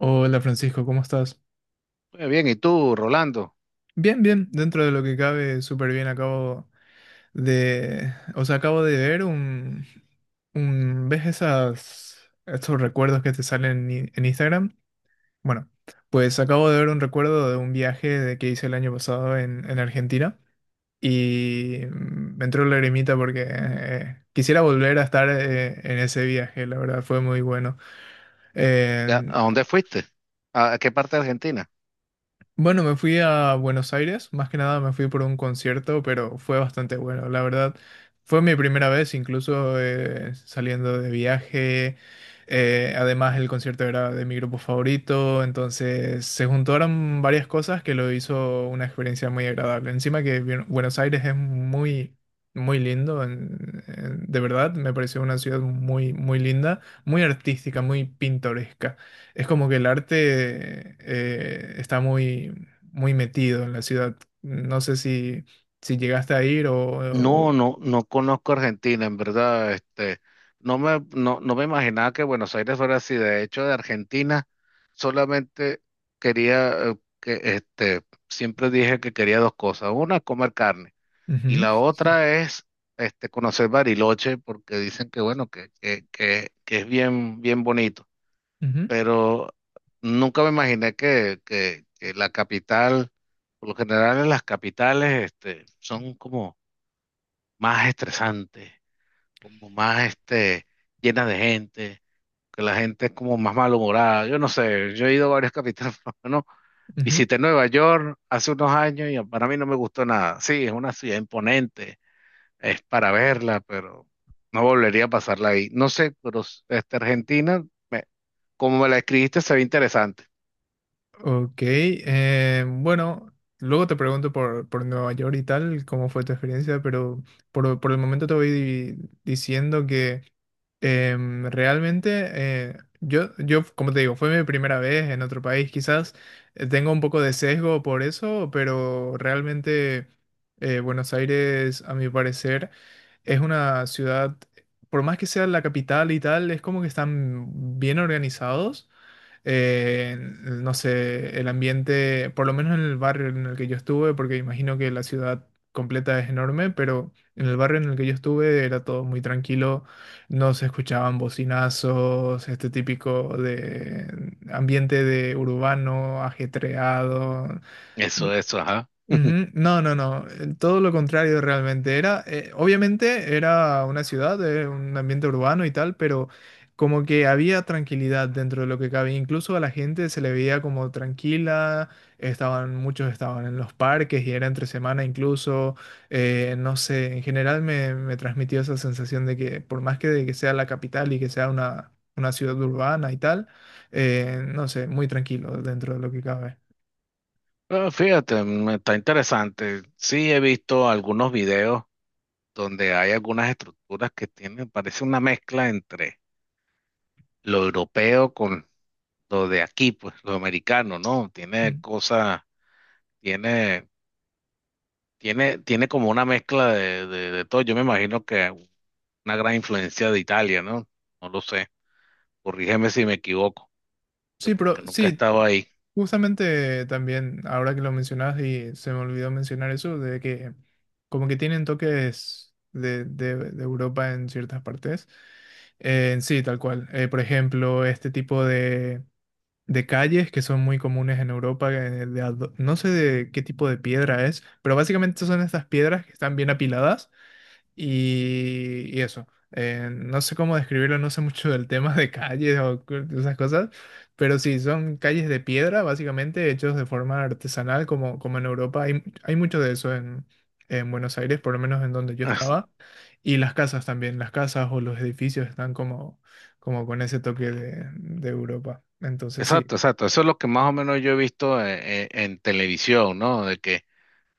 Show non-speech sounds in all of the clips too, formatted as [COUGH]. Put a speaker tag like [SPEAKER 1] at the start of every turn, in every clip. [SPEAKER 1] Hola Francisco, ¿cómo estás?
[SPEAKER 2] Muy bien, ¿y tú, Rolando?
[SPEAKER 1] Bien, bien, dentro de lo que cabe, súper bien. Acabo de, o sea, acabo de ver ¿ves esas, estos recuerdos que te salen en Instagram? Bueno, pues acabo de ver un recuerdo de un viaje de que hice el año pasado en Argentina y me entró la lagrimita porque quisiera volver a estar en ese viaje, la verdad, fue muy bueno.
[SPEAKER 2] ¿A dónde fuiste? ¿A qué parte de Argentina?
[SPEAKER 1] Bueno, me fui a Buenos Aires, más que nada me fui por un concierto, pero fue bastante bueno, la verdad. Fue mi primera vez incluso saliendo de viaje. Además, el concierto era de mi grupo favorito, entonces se juntaron varias cosas que lo hizo una experiencia muy agradable. Encima que Buenos Aires es muy, muy lindo, de verdad, me pareció una ciudad muy, muy linda, muy artística, muy pintoresca. Es como que el arte está muy, muy metido en la ciudad. No sé si llegaste a ir
[SPEAKER 2] No,
[SPEAKER 1] o-
[SPEAKER 2] no, no conozco Argentina, en verdad. Este, no me imaginaba que Buenos Aires fuera así. De hecho, de Argentina solamente quería, este, siempre dije que quería dos cosas. Una, comer carne. Y
[SPEAKER 1] Ujú,
[SPEAKER 2] la otra es, este, conocer Bariloche, porque dicen que, bueno, que es bien, bien bonito.
[SPEAKER 1] ujú,
[SPEAKER 2] Pero nunca me imaginé que, que la capital, por lo general en las capitales, este, son como más estresantes, como más este, llenas de gente, que la gente es como más malhumorada. Yo no sé, yo he ido a varias capitales, [LAUGHS] por lo menos
[SPEAKER 1] ujú.
[SPEAKER 2] visité Nueva York hace unos años y para mí no me gustó nada. Sí, es una ciudad imponente, es para verla, pero no volvería a pasarla ahí. No sé, pero este, Argentina, me- como me la escribiste, se ve interesante.
[SPEAKER 1] Ok, bueno, luego te pregunto por Nueva York y tal, cómo fue tu experiencia, pero por el momento te voy diciendo que realmente como te digo, fue mi primera vez en otro país, quizás tengo un poco de sesgo por eso, pero realmente Buenos Aires, a mi parecer, es una ciudad, por más que sea la capital y tal, es como que están bien organizados, eh, no sé, el ambiente, por lo menos en el barrio en el que yo estuve, porque imagino que la ciudad completa es enorme, pero en el barrio en el que yo estuve era todo muy tranquilo, no se escuchaban bocinazos, este típico de ambiente de urbano, ajetreado.
[SPEAKER 2] Eso, ajá. [LAUGHS]
[SPEAKER 1] Ujú. No, no, no, todo lo contrario realmente. Era, obviamente era una ciudad, un ambiente urbano y tal, pero como que había tranquilidad dentro de lo que cabía. Incluso a la gente se le veía como tranquila, estaban, muchos estaban en los parques y era entre semana incluso. No sé, en general me transmitió esa sensación de que por más que, de que sea la capital y que sea una ciudad urbana y tal, no sé, muy tranquilo dentro de lo que cabe.
[SPEAKER 2] Ah, fíjate, está interesante. Sí, he visto algunos videos donde hay algunas estructuras que tienen, parece una mezcla entre lo europeo con lo de aquí, pues lo americano, ¿no? Tiene
[SPEAKER 1] Mm.
[SPEAKER 2] cosas, tiene, tiene como una mezcla de todo. Yo me imagino que una gran influencia de Italia, ¿no? No lo sé. Corrígeme si me equivoco,
[SPEAKER 1] Sí,
[SPEAKER 2] porque
[SPEAKER 1] pero
[SPEAKER 2] nunca he
[SPEAKER 1] sí,
[SPEAKER 2] estado ahí.
[SPEAKER 1] justamente también, ahora que lo mencionas y se me olvidó mencionar eso, de que como que tienen toques de Europa en ciertas partes. Sí, tal cual. Por ejemplo, este tipo de calles que son muy comunes en Europa, no sé de qué tipo de piedra es, pero básicamente son estas piedras que están bien apiladas y eso, no sé cómo describirlo, no sé mucho del tema de calles o de esas cosas, pero sí, son calles de piedra, básicamente, hechos de forma artesanal, como, como en Europa. Hay mucho de eso en Buenos Aires, por lo menos en donde yo
[SPEAKER 2] [LAUGHS]
[SPEAKER 1] estaba. Y las casas también, las casas o los edificios están como, como con ese toque de Europa. Entonces sí,
[SPEAKER 2] Exacto, exacto. Eso es lo que más o menos yo he visto en televisión, ¿no? De que,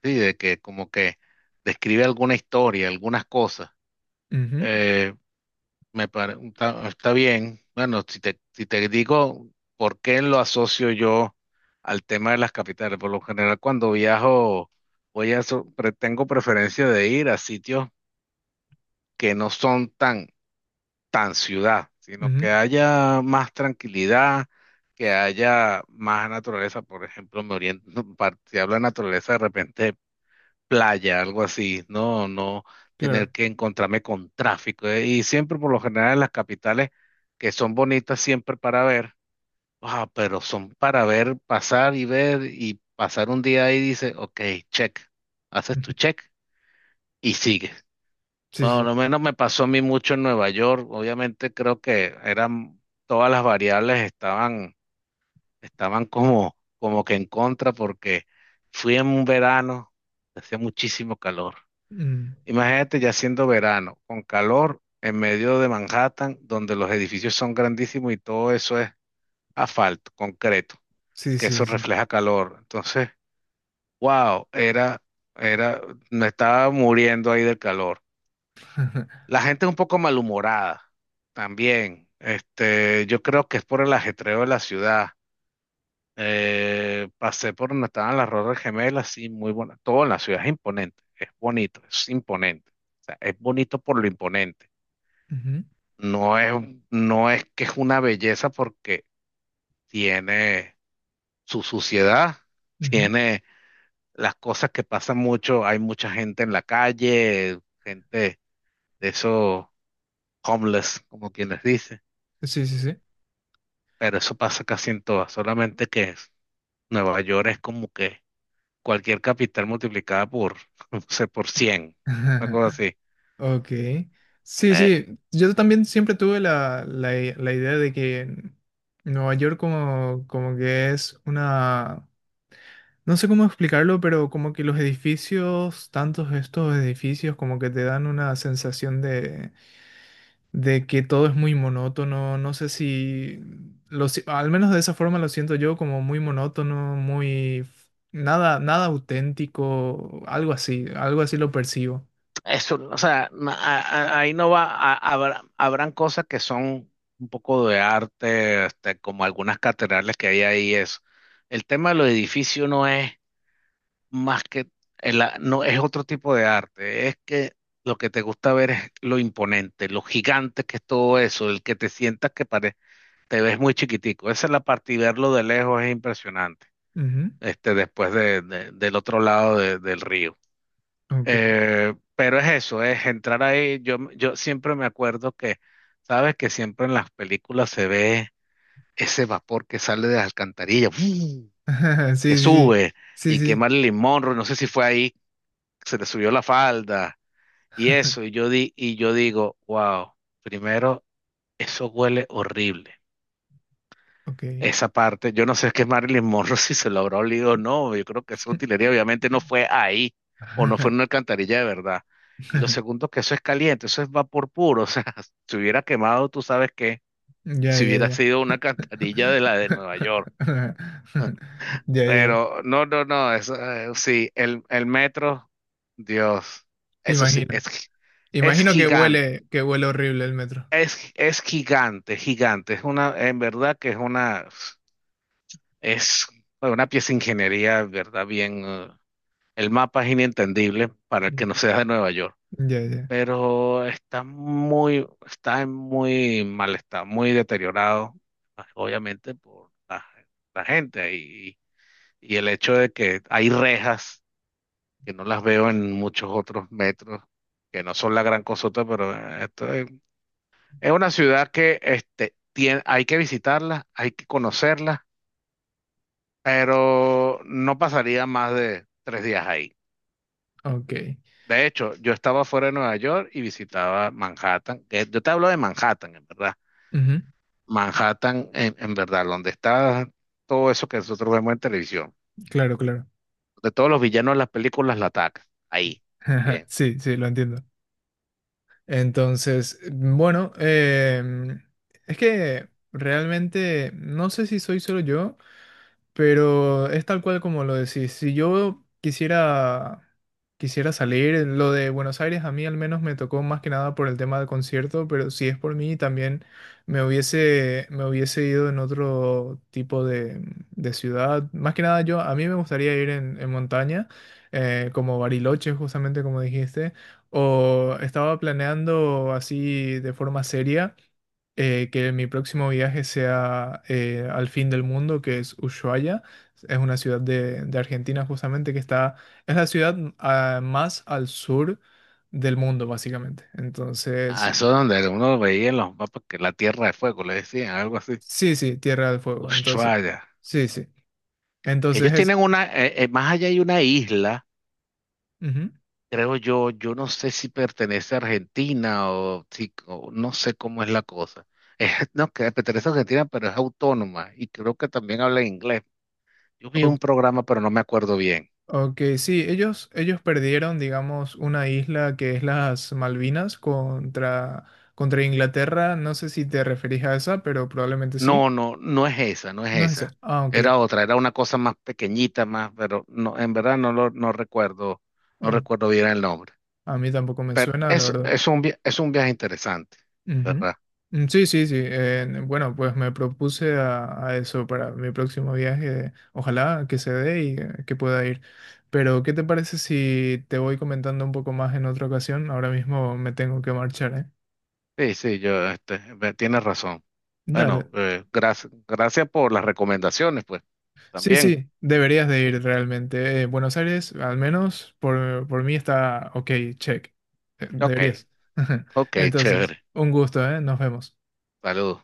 [SPEAKER 2] sí, de que como que describe alguna historia, algunas cosas.
[SPEAKER 1] ujú,
[SPEAKER 2] Eh, está bien. Bueno, si te digo por qué lo asocio yo al tema de las capitales, por lo general cuando viajo, voy a, so- pre- tengo preferencia de ir a sitios que no son tan ciudad, sino
[SPEAKER 1] ujú,
[SPEAKER 2] que haya más tranquilidad, que haya más naturaleza. Por ejemplo, me oriento, [LAUGHS] si hablo de naturaleza, de repente playa, algo así, no tener
[SPEAKER 1] claro.
[SPEAKER 2] que encontrarme con tráfico. Y siempre, por lo general, en las capitales, que son bonitas siempre para ver, ah, pero son para ver, pasar y ver y pasar un día ahí, dice, ok, check, haces tu
[SPEAKER 1] Ujú.
[SPEAKER 2] check y sigues.
[SPEAKER 1] Sí, sí,
[SPEAKER 2] Bueno,
[SPEAKER 1] sí.
[SPEAKER 2] lo menos me pasó a mí mucho en Nueva York. Obviamente creo que eran todas las variables estaban como que en contra porque fui en un verano, hacía muchísimo calor.
[SPEAKER 1] Mm,
[SPEAKER 2] Imagínate ya siendo verano, con calor en medio de Manhattan, donde los edificios son grandísimos y todo eso es asfalto, concreto,
[SPEAKER 1] sí,
[SPEAKER 2] que eso
[SPEAKER 1] sí, sí.
[SPEAKER 2] refleja calor. Entonces, wow, era, me estaba muriendo ahí del calor.
[SPEAKER 1] [LAUGHS]
[SPEAKER 2] La gente es un poco malhumorada también. Este, yo creo que es por el ajetreo de la ciudad. Pasé por donde estaban las Torres Gemelas, sí, muy buena. Todo en la ciudad es imponente, es bonito, es imponente. O sea, es bonito por lo imponente.
[SPEAKER 1] Ujú,
[SPEAKER 2] No es, no es que es una belleza porque tiene su suciedad, [LAUGHS]
[SPEAKER 1] ujú.
[SPEAKER 2] tiene las cosas que pasan mucho. Hay mucha gente en la calle, gente de esos homeless, como quienes dicen,
[SPEAKER 1] Sí, sí, sí.
[SPEAKER 2] pero eso pasa casi en todas, solamente que Nueva York es como que cualquier capital multiplicada por, [LAUGHS] no sé, por 100, una cosa
[SPEAKER 1] [LAUGHS]
[SPEAKER 2] así.
[SPEAKER 1] Ok. Sí,
[SPEAKER 2] Eh,
[SPEAKER 1] sí. Yo también siempre tuve la idea de que Nueva York como, como que es una... No sé cómo explicarlo, pero como que los edificios, tantos estos edificios, como que te dan una sensación de que todo es muy monótono. No sé si... Al menos de esa forma lo siento yo, como muy monótono, nada, nada auténtico, algo así lo percibo.
[SPEAKER 2] eso, o sea, ahí no va, habrán cosas que son un poco de arte, este, como algunas catedrales que hay ahí, eso. El tema de los edificios no es más que, no es otro tipo de arte, es que lo que te gusta ver es lo imponente, lo gigante que es todo eso, el que te sientas que parece te ves muy chiquitico. Esa es la parte, y verlo de lejos es impresionante,
[SPEAKER 1] Ujú,
[SPEAKER 2] este, después del otro lado del río.
[SPEAKER 1] ok.
[SPEAKER 2] Pero es eso, es entrar ahí. Yo siempre me acuerdo que, sabes que siempre en las películas se ve ese vapor que sale de las alcantarillas, ¡fuu!,
[SPEAKER 1] [LAUGHS]
[SPEAKER 2] que
[SPEAKER 1] Sí, sí, sí,
[SPEAKER 2] sube,
[SPEAKER 1] sí,
[SPEAKER 2] y que
[SPEAKER 1] sí.
[SPEAKER 2] Marilyn Monroe, no sé si fue ahí, se le subió la falda y eso. Y
[SPEAKER 1] [LAUGHS]
[SPEAKER 2] yo, di, y yo digo, wow, primero, eso huele horrible.
[SPEAKER 1] Ok.
[SPEAKER 2] Esa parte, yo no sé qué Marilyn Monroe, [LAUGHS] si se lo habrá olido o no, yo creo que esa utilería obviamente no fue ahí, o no fue en una
[SPEAKER 1] [LAUGHS]
[SPEAKER 2] alcantarilla de verdad. Y lo segundo, que eso es caliente, eso es vapor puro, o sea, [LAUGHS] si hubiera quemado, tú sabes que
[SPEAKER 1] Ya,
[SPEAKER 2] si
[SPEAKER 1] ya,
[SPEAKER 2] hubiera
[SPEAKER 1] ya.
[SPEAKER 2] sido una alcantarilla de la de Nueva York.
[SPEAKER 1] [LAUGHS] Ya, ya.
[SPEAKER 2] Pero no, no, no, eso, sí, el metro, Dios, eso sí,
[SPEAKER 1] Imagino.
[SPEAKER 2] es
[SPEAKER 1] Imagino
[SPEAKER 2] gigante,
[SPEAKER 1] que huele horrible el metro.
[SPEAKER 2] es gigante, gigante, es una, en verdad que es una... Es una pieza de ingeniería, ¿verdad? Bien, el mapa es inentendible para el que no sea de Nueva York,
[SPEAKER 1] Ya, ya.
[SPEAKER 2] pero está en muy mal estado, muy deteriorado, ah, obviamente por la gente y el hecho de que hay rejas que no las veo en muchos otros metros, que no son la gran cosota, pero esto es, una ciudad que este, tiene, hay que visitarla, hay que conocerla, pero no pasaría más de tres días ahí.
[SPEAKER 1] Ok.
[SPEAKER 2] De hecho, yo estaba fuera de Nueva York y visitaba Manhattan. Que Yo te hablo de Manhattan, en verdad.
[SPEAKER 1] Ujú.
[SPEAKER 2] Manhattan, en verdad, donde está todo eso que nosotros vemos en televisión.
[SPEAKER 1] Claro, claro.
[SPEAKER 2] De todos los villanos de las películas la atacan. Ahí.
[SPEAKER 1] [LAUGHS]
[SPEAKER 2] Bien.
[SPEAKER 1] Sí, sí, lo entiendo. Entonces, bueno, es que realmente no sé si soy solo yo. Pero es tal cual como lo decís. Si yo quisiera, quisiera salir, lo de Buenos Aires a mí al menos me tocó más que nada por el tema del concierto, pero si es por mí también me hubiese ido en otro tipo de ciudad. Más que nada yo, a mí me gustaría ir en montaña, como Bariloche justamente como dijiste, o estaba planeando así de forma seria que mi próximo viaje sea al fin del mundo, que es Ushuaia. Es una ciudad de Argentina justamente que está, es la ciudad más al sur del mundo, básicamente.
[SPEAKER 2] Ah,
[SPEAKER 1] Entonces,
[SPEAKER 2] eso es donde uno veía en los mapas que la Tierra de Fuego, le decían, algo así.
[SPEAKER 1] sí, sí, Tierra del Fuego. Entonces,
[SPEAKER 2] Ushuaia.
[SPEAKER 1] sí, sí.
[SPEAKER 2] Que
[SPEAKER 1] Entonces
[SPEAKER 2] ellos
[SPEAKER 1] es...
[SPEAKER 2] tienen una, más allá hay una isla.
[SPEAKER 1] ujú.
[SPEAKER 2] Creo yo, yo no sé si pertenece a Argentina, o no sé cómo es la cosa. [LAUGHS] No, que pertenece a Argentina, pero es autónoma y creo que también habla inglés. Yo vi
[SPEAKER 1] O-
[SPEAKER 2] un programa, pero no me acuerdo bien.
[SPEAKER 1] ok, sí, ellos perdieron, digamos, una isla que es las Malvinas contra, contra Inglaterra. No sé si te referís a esa, pero probablemente sí.
[SPEAKER 2] No, no, no es esa, no es
[SPEAKER 1] No es esa.
[SPEAKER 2] esa.
[SPEAKER 1] Ah, ok.
[SPEAKER 2] Era otra, era una cosa más pequeñita, más, pero no, en verdad no recuerdo, no
[SPEAKER 1] Ok.
[SPEAKER 2] recuerdo bien el nombre.
[SPEAKER 1] A mí tampoco me
[SPEAKER 2] Pero
[SPEAKER 1] suena, la
[SPEAKER 2] eso
[SPEAKER 1] verdad.
[SPEAKER 2] es un viaje interesante,
[SPEAKER 1] Ujú.
[SPEAKER 2] ¿verdad?
[SPEAKER 1] Mm, sí, sí, sí. Bueno, pues me propuse a eso para mi próximo viaje. Ojalá que se dé y que pueda ir. Pero, ¿qué te parece si te voy comentando un poco más en otra ocasión? Ahora mismo me tengo que marchar, ¿eh?
[SPEAKER 2] Sí, sí, este, tienes razón. Bueno,
[SPEAKER 1] Dale.
[SPEAKER 2] gracias, gracias por las recomendaciones, pues.
[SPEAKER 1] Sí,
[SPEAKER 2] También.
[SPEAKER 1] sí, deberías de ir realmente. Buenos Aires, al menos por mí está ok, check.
[SPEAKER 2] Ok,
[SPEAKER 1] Deberías. [LAUGHS]
[SPEAKER 2] ok,
[SPEAKER 1] Entonces,
[SPEAKER 2] chévere.
[SPEAKER 1] un gusto, ¿eh? Nos vemos.
[SPEAKER 2] Saludos.